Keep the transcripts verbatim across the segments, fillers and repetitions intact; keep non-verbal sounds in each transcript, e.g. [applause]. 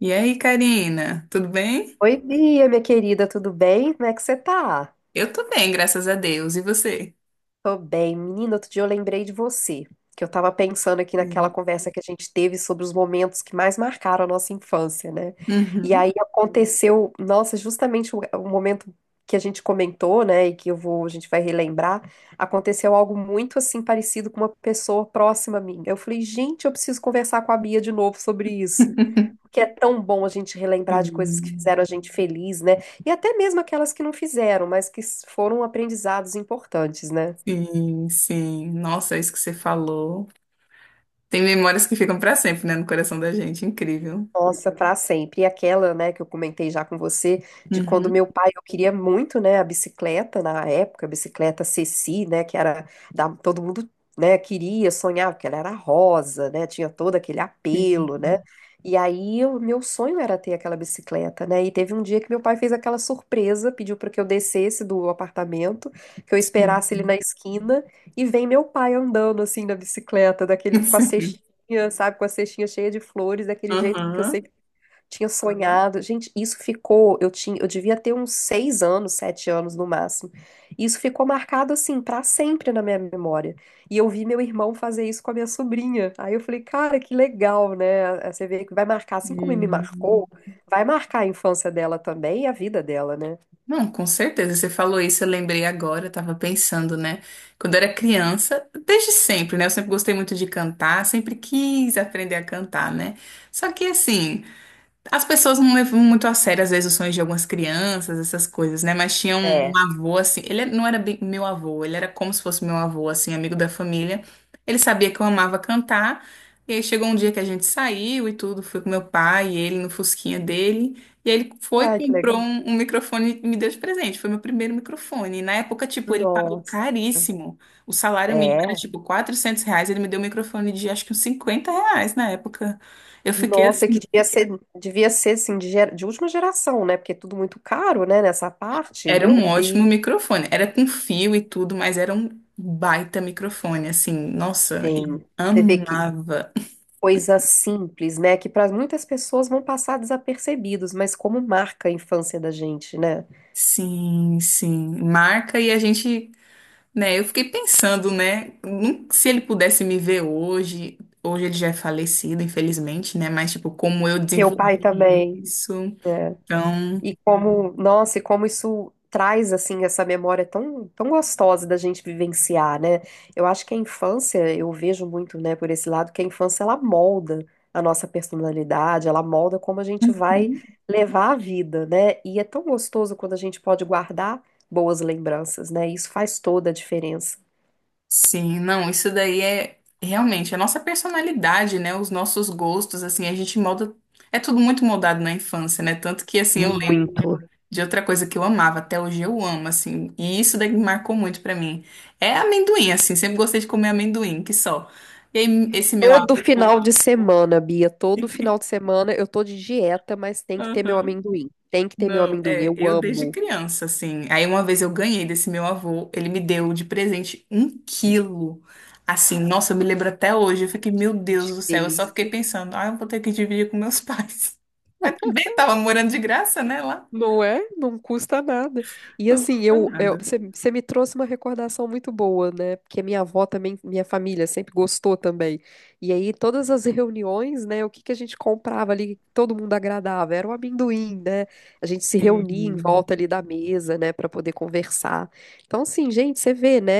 E aí, Karina, tudo bem? Oi, Bia, minha querida, tudo bem? Como é que você tá? Eu tô bem, graças a Deus. E você? Tô bem. Menina, outro dia eu lembrei de você, que eu tava pensando aqui naquela Sim. conversa que a gente teve sobre os momentos que mais marcaram a nossa infância, né? E Uhum. aí aconteceu, nossa, justamente o, o momento que a gente comentou, né, e que eu vou, a gente vai relembrar, aconteceu algo muito assim parecido com uma pessoa próxima a mim. Eu falei, gente, eu preciso conversar com a Bia de novo sobre isso. [laughs] Porque é tão bom a gente relembrar de coisas que Sim, fizeram a gente feliz, né? E até mesmo aquelas que não fizeram, mas que s- foram aprendizados importantes, né? sim, sim. Nossa, é isso que você falou. Tem memórias que ficam pra sempre, né, no coração da gente. Incrível. Nossa, para sempre. E aquela, né, que eu comentei já com você, de quando Uhum. meu pai, eu queria muito, né, a bicicleta na época, a bicicleta Ceci, né, que era da, todo mundo, né, queria, sonhava, porque ela era rosa, né, tinha todo aquele Sim, apelo, né? E aí o meu sonho era ter aquela bicicleta, né? E teve um dia que meu pai fez aquela surpresa, pediu para que eu descesse do apartamento, que eu sim. esperasse ele na esquina, e vem meu pai andando assim na bicicleta, daquele [laughs] com a Sim. cestinha cestinha, sabe? Com a cestinha cheia de flores, daquele jeito que eu Aham. sempre tinha sonhado. Gente, isso ficou. Eu tinha, eu devia ter uns seis anos, sete anos no máximo. Isso ficou marcado assim pra sempre na minha memória. E eu vi meu irmão fazer isso com a minha sobrinha. Aí eu falei, cara, que legal, né? Aí você vê que vai marcar, assim como me Sim. marcou, vai marcar a infância dela também e a vida dela, né? Não, com certeza. Você falou isso, eu lembrei agora, eu tava pensando, né? Quando eu era criança, desde sempre, né? Eu sempre gostei muito de cantar, sempre quis aprender a cantar, né? Só que assim. As pessoas não levam muito a sério, às vezes, os sonhos de algumas crianças, essas coisas, né? Mas tinha um, um É, avô, assim, ele não era bem meu avô, ele era como se fosse meu avô, assim, amigo da família. Ele sabia que eu amava cantar, e aí chegou um dia que a gente saiu e tudo, fui com meu pai e ele no fusquinha dele, e aí ele foi, e ai, que comprou legal. um, um microfone e me deu de presente, foi meu primeiro microfone. E na época, tipo, ele pagou Nossa. caríssimo, o salário mínimo era, É. tipo, quatrocentos reais, ele me deu um microfone de, acho que uns cinquenta reais na época. Eu fiquei Nossa, assim. que devia ser, devia ser assim, de, gera- de última geração, né? Porque é tudo muito caro, né? Nessa parte. Era um Meu Deus, ótimo microfone. Era com fio e tudo, mas era um baita microfone, assim. Nossa, eu gente. Você vê que amava. coisa simples, né? Que para muitas pessoas vão passar desapercebidos, mas como marca a infância da gente, né? Sim, sim. Marca e a gente, né? Eu fiquei pensando, né? num- Se ele pudesse me ver hoje, hoje ele já é falecido, infelizmente, né? Mas, tipo, como eu Meu pai desenvolvi também. isso. Né? Então. E como, nossa, e como isso traz assim essa memória tão, tão gostosa da gente vivenciar, né? Eu acho que a infância, eu vejo muito, né, por esse lado, que a infância ela molda a nossa personalidade, ela molda como a gente vai levar a vida, né? E é tão gostoso quando a gente pode guardar boas lembranças, né? Isso faz toda a diferença. Sim, não, isso daí é realmente a nossa personalidade, né? Os nossos gostos, assim, a gente molda. É tudo muito moldado na infância, né? Tanto que, assim, eu lembro Muito. de outra coisa que eu amava, até hoje eu amo, assim, e isso daí marcou muito pra mim. É amendoim, assim, sempre gostei de comer amendoim, que só. E aí, esse meu Todo avô. final de semana, Bia, todo final de semana eu tô de dieta, mas tem que ter meu [laughs] amendoim. Tem que ter meu Não, amendoim, é, eu eu desde amo. criança, assim. Aí uma vez eu ganhei desse meu avô, ele me deu de presente um quilo. Assim, nossa, eu me lembro até hoje. Eu fiquei, meu Deus Gente, do que céu, eu só fiquei delícia. pensando, ah, eu vou ter que dividir com meus pais. [laughs] Mas também tava morando de graça, né, lá. Não é? Não custa nada. E Não assim, custa eu, eu, nada. você você me trouxe uma recordação muito boa, né? Porque minha avó também, minha família sempre gostou também. E aí, todas as reuniões, né? O que que a gente comprava ali, que todo mundo agradava? Era o amendoim, né? A gente se reunia em Sim. volta ali da mesa, né? Para poder conversar. Então, assim, gente, você vê, né?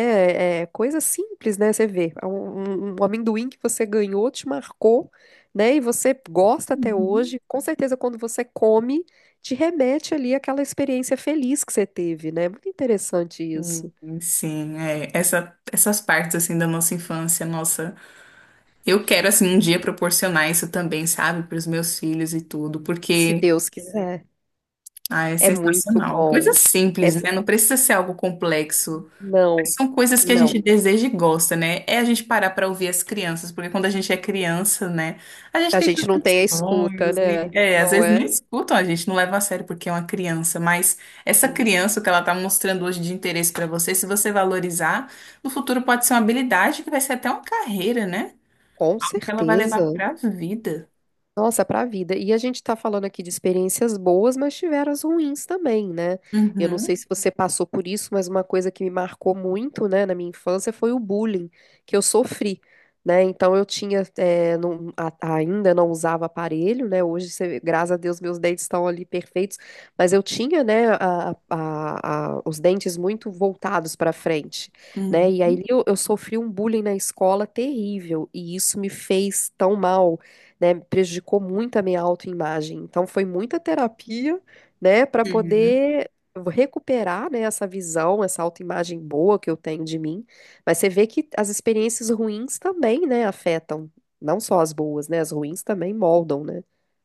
É é coisa simples, né? Você vê. é Um, um um amendoim que você ganhou te marcou. Né, e você gosta até Uhum. hoje, com certeza quando você come, te remete ali àquela experiência feliz que você teve, né? Muito interessante Sim, isso. sim, é. Essa, essas partes, assim, da nossa infância, nossa. Eu quero, assim, um dia proporcionar isso também, sabe, para os meus filhos e tudo, Se porque. Deus quiser. Ah, é É muito sensacional. Coisa bom. simples, Essa né? Não precisa ser algo complexo. Mas não, são coisas que a gente não. deseja e gosta, né? É a gente parar para ouvir as crianças, porque quando a gente é criança, né? A gente A tem gente não tantos tem a escuta, sonhos e, né? é, às Não vezes não é? escutam a gente, não leva a sério porque é uma criança, mas essa Sim, criança, o que ela tá mostrando hoje de interesse para você, se você valorizar, no futuro pode ser uma habilidade que vai ser até uma carreira, né? com Que ela vai levar certeza. para a vida. Nossa, para a vida. E a gente está falando aqui de experiências boas, mas tiveram as ruins também, né? Eu não sei Uhum, se você passou por isso, mas uma coisa que me marcou muito, né, na minha infância foi o bullying que eu sofri, né? Então eu tinha, eh, não- a- ainda não usava aparelho, né? Hoje, você- graças a Deus, meus dentes estão ali perfeitos, mas eu tinha, né, a- a- a- os dentes muito voltados para frente, né? E uhum. aí eu eu sofri um bullying na escola terrível, e isso me fez tão mal, né, prejudicou muito a minha autoimagem. Então foi muita terapia, né, para poder recuperar, né, essa visão, essa autoimagem boa que eu tenho de mim. Mas você vê que as experiências ruins também, né, afetam, não só as boas, né, as ruins também moldam, né?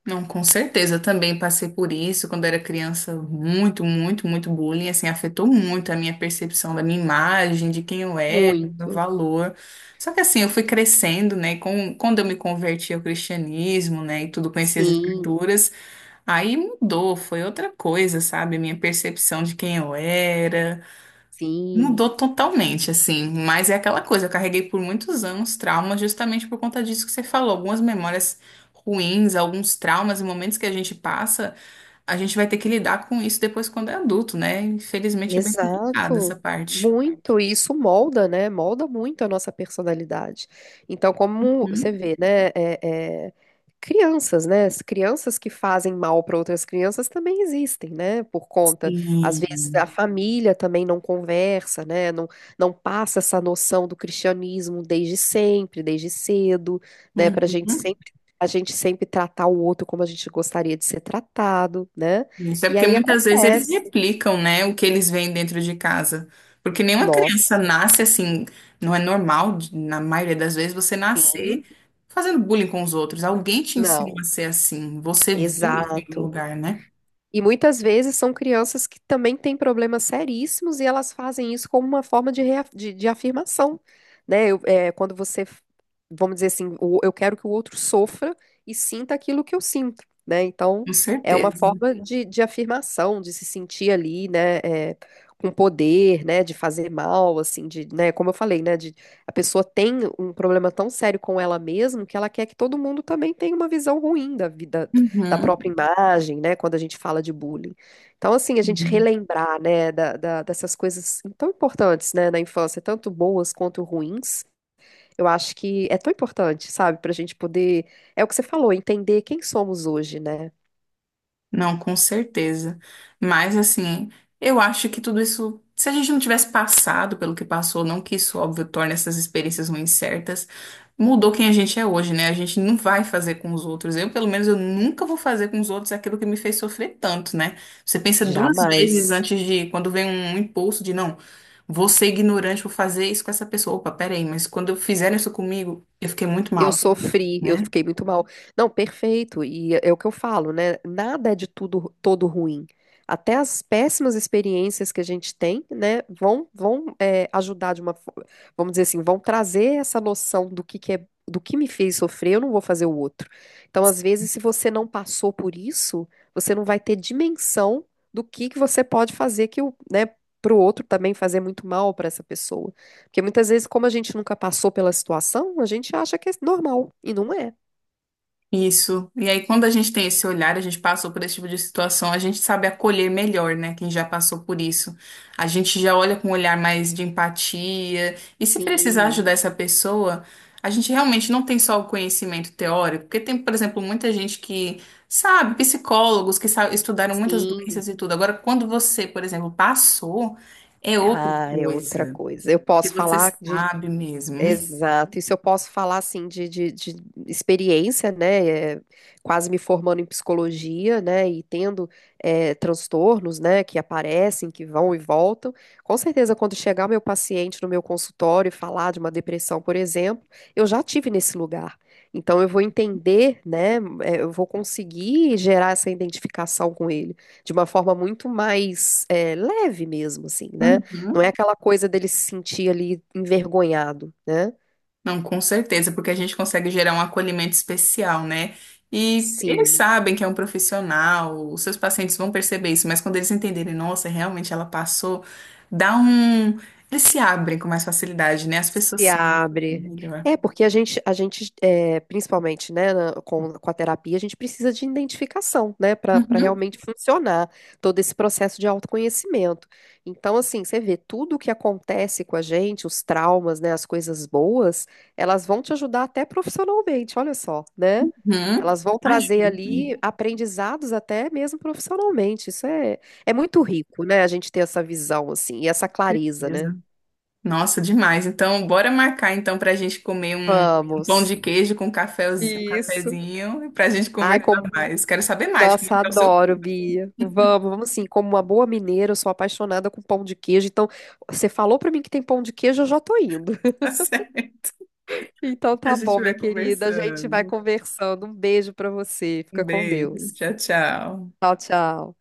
Não, com certeza. Eu também passei por isso quando era criança. Muito, muito, muito bullying. Assim, afetou muito a minha percepção da minha imagem, de quem eu era, do meu Muito. valor. Só que assim, eu fui crescendo, né? Com, quando eu me converti ao cristianismo, né? E tudo, conheci as Sim, escrituras. Aí mudou, foi outra coisa, sabe? Minha percepção de quem eu era. sim. Mudou totalmente, assim, mas é aquela coisa, eu carreguei por muitos anos traumas justamente por conta disso que você falou, algumas memórias ruins, alguns traumas e momentos que a gente passa, a gente vai ter que lidar com isso depois quando é adulto, né? Infelizmente é bem complicada essa Exato, parte. muito, e isso molda, né? Molda muito a nossa personalidade. Então, como você Uhum. vê, né? é- é, Crianças, né? As crianças que fazem mal para outras crianças também existem, né? Por conta, às vezes a Sim. família também não conversa, né? Não, não passa essa noção do cristianismo desde sempre, desde cedo, né? Para a gente Uhum. sempre, a gente sempre tratar o outro como a gente gostaria de ser tratado, né? Isso é E porque aí muitas vezes eles acontece. replicam, né, o que eles veem dentro de casa. Porque nenhuma criança Nossa. nasce assim, não é normal, de- na maioria das vezes, você nascer Sim, fazendo bullying com os outros. Alguém te ensina não, a ser assim. Você viu isso em algum exato. lugar, né? E muitas vezes são crianças que também têm problemas seríssimos e elas fazem isso como uma forma de, rea- de, de afirmação, né? Eu- é, quando você, vamos dizer assim, o- eu quero que o outro sofra e sinta aquilo que eu sinto, né? Então, Com é uma certeza. forma de, de afirmação, de se sentir ali, né? É, com poder, né? De fazer mal, assim, de, né? Como eu falei, né? De, a pessoa tem um problema tão sério com ela mesma que ela quer que todo mundo também tenha uma visão ruim da vida da Uhum. própria imagem, né, quando a gente fala de bullying. Então, assim, a gente Uhum. relembrar, né, da- da- dessas coisas tão importantes, né, na infância, tanto boas quanto ruins, eu acho que é tão importante, sabe, para a gente poder, é o que você falou, entender quem somos hoje, né? Não, com certeza. Mas assim, eu acho que tudo isso, se a gente não tivesse passado pelo que passou, não que isso, óbvio, torne essas experiências ruins certas, mudou quem a gente é hoje, né? A gente não vai fazer com os outros. Eu, pelo menos, eu nunca vou fazer com os outros aquilo que me fez sofrer tanto, né? Você pensa duas vezes Jamais. antes de, quando vem um impulso de, não, vou ser ignorante, vou fazer isso com essa pessoa. Opa, peraí, mas quando fizeram isso comigo, eu fiquei muito Eu mal, sofri, eu né? fiquei muito mal. Não, perfeito. E é o que eu falo, né? Nada é de tudo todo ruim. Até as péssimas experiências que a gente tem, né, vão vão é, ajudar de uma, fo- vamos dizer assim, vão trazer essa noção do que que é, do que me fez sofrer, eu não vou fazer o outro. Então, às vezes, se você não passou por isso, você não vai ter dimensão do que que você pode fazer que o, né, pro outro também fazer muito mal para essa pessoa. Porque muitas vezes, como a gente nunca passou pela situação, a gente acha que é normal, e não é. Isso. E aí, quando a gente tem esse olhar, a gente passou por esse tipo de situação, a gente sabe acolher melhor, né? Quem já passou por isso. A gente já olha com um olhar mais de empatia. E se precisar Sim, ajudar essa pessoa, a gente realmente não tem só o conhecimento teórico, porque tem, por exemplo, muita gente que sabe, psicólogos que sa- estudaram muitas sim. doenças e tudo. Agora, quando você, por exemplo, passou, é outra Ah, é outra coisa coisa. Eu que posso você falar de sabe mesmo. Exato. Isso eu posso falar assim de, de, de experiência, né? É, quase me formando em psicologia, né? E tendo é, transtornos, né? Que aparecem, que vão e voltam. Com certeza, quando chegar o meu paciente no meu consultório e falar de uma depressão, por exemplo, eu já tive nesse lugar. Então, eu vou entender, né? é, Eu vou conseguir gerar essa identificação com ele de uma forma muito mais é, leve mesmo, assim, né? Não é [laughs] aquela coisa dele se sentir ali envergonhado, né? Não, com certeza, porque a gente consegue gerar um acolhimento especial, né? E eles Sim. sabem que é um profissional, os seus pacientes vão perceber isso, mas quando eles entenderem, nossa, realmente ela passou, dá um. Eles se abrem com mais facilidade, né? As pessoas Se se abrem abre. melhor. É, porque a gente, a gente é, principalmente, né, na- com, com a terapia, a gente precisa de identificação, né, para para Uhum, realmente funcionar todo esse processo de autoconhecimento. Então, assim, você vê tudo o que acontece com a gente, os traumas, né, as coisas boas, elas vão te ajudar até profissionalmente, olha só, né? uhum. Elas vão Ajuda, trazer com ali aprendizados até mesmo profissionalmente. Isso é, é muito rico, né, a gente ter essa visão, assim, e essa clareza, né? certeza. Nossa, demais. Então, bora marcar então para a gente comer um pão Vamos. de queijo com um cafezinho, um Isso. cafezinho, pra gente Ai, conversar como. mais. Quero saber mais como é Nossa, que tá o seu adoro, curso. [laughs] Bia. Vamos, vamos sim. Como uma boa mineira, eu sou apaixonada com pão de queijo. Então, você falou pra mim que tem pão de queijo, eu já tô indo. [laughs] Tá certo. Então, A tá bom, gente minha vai querida. A gente vai conversando. conversando. Um beijo pra você. Um Fica com beijo. Deus. Tchau, tchau. Tchau, tchau.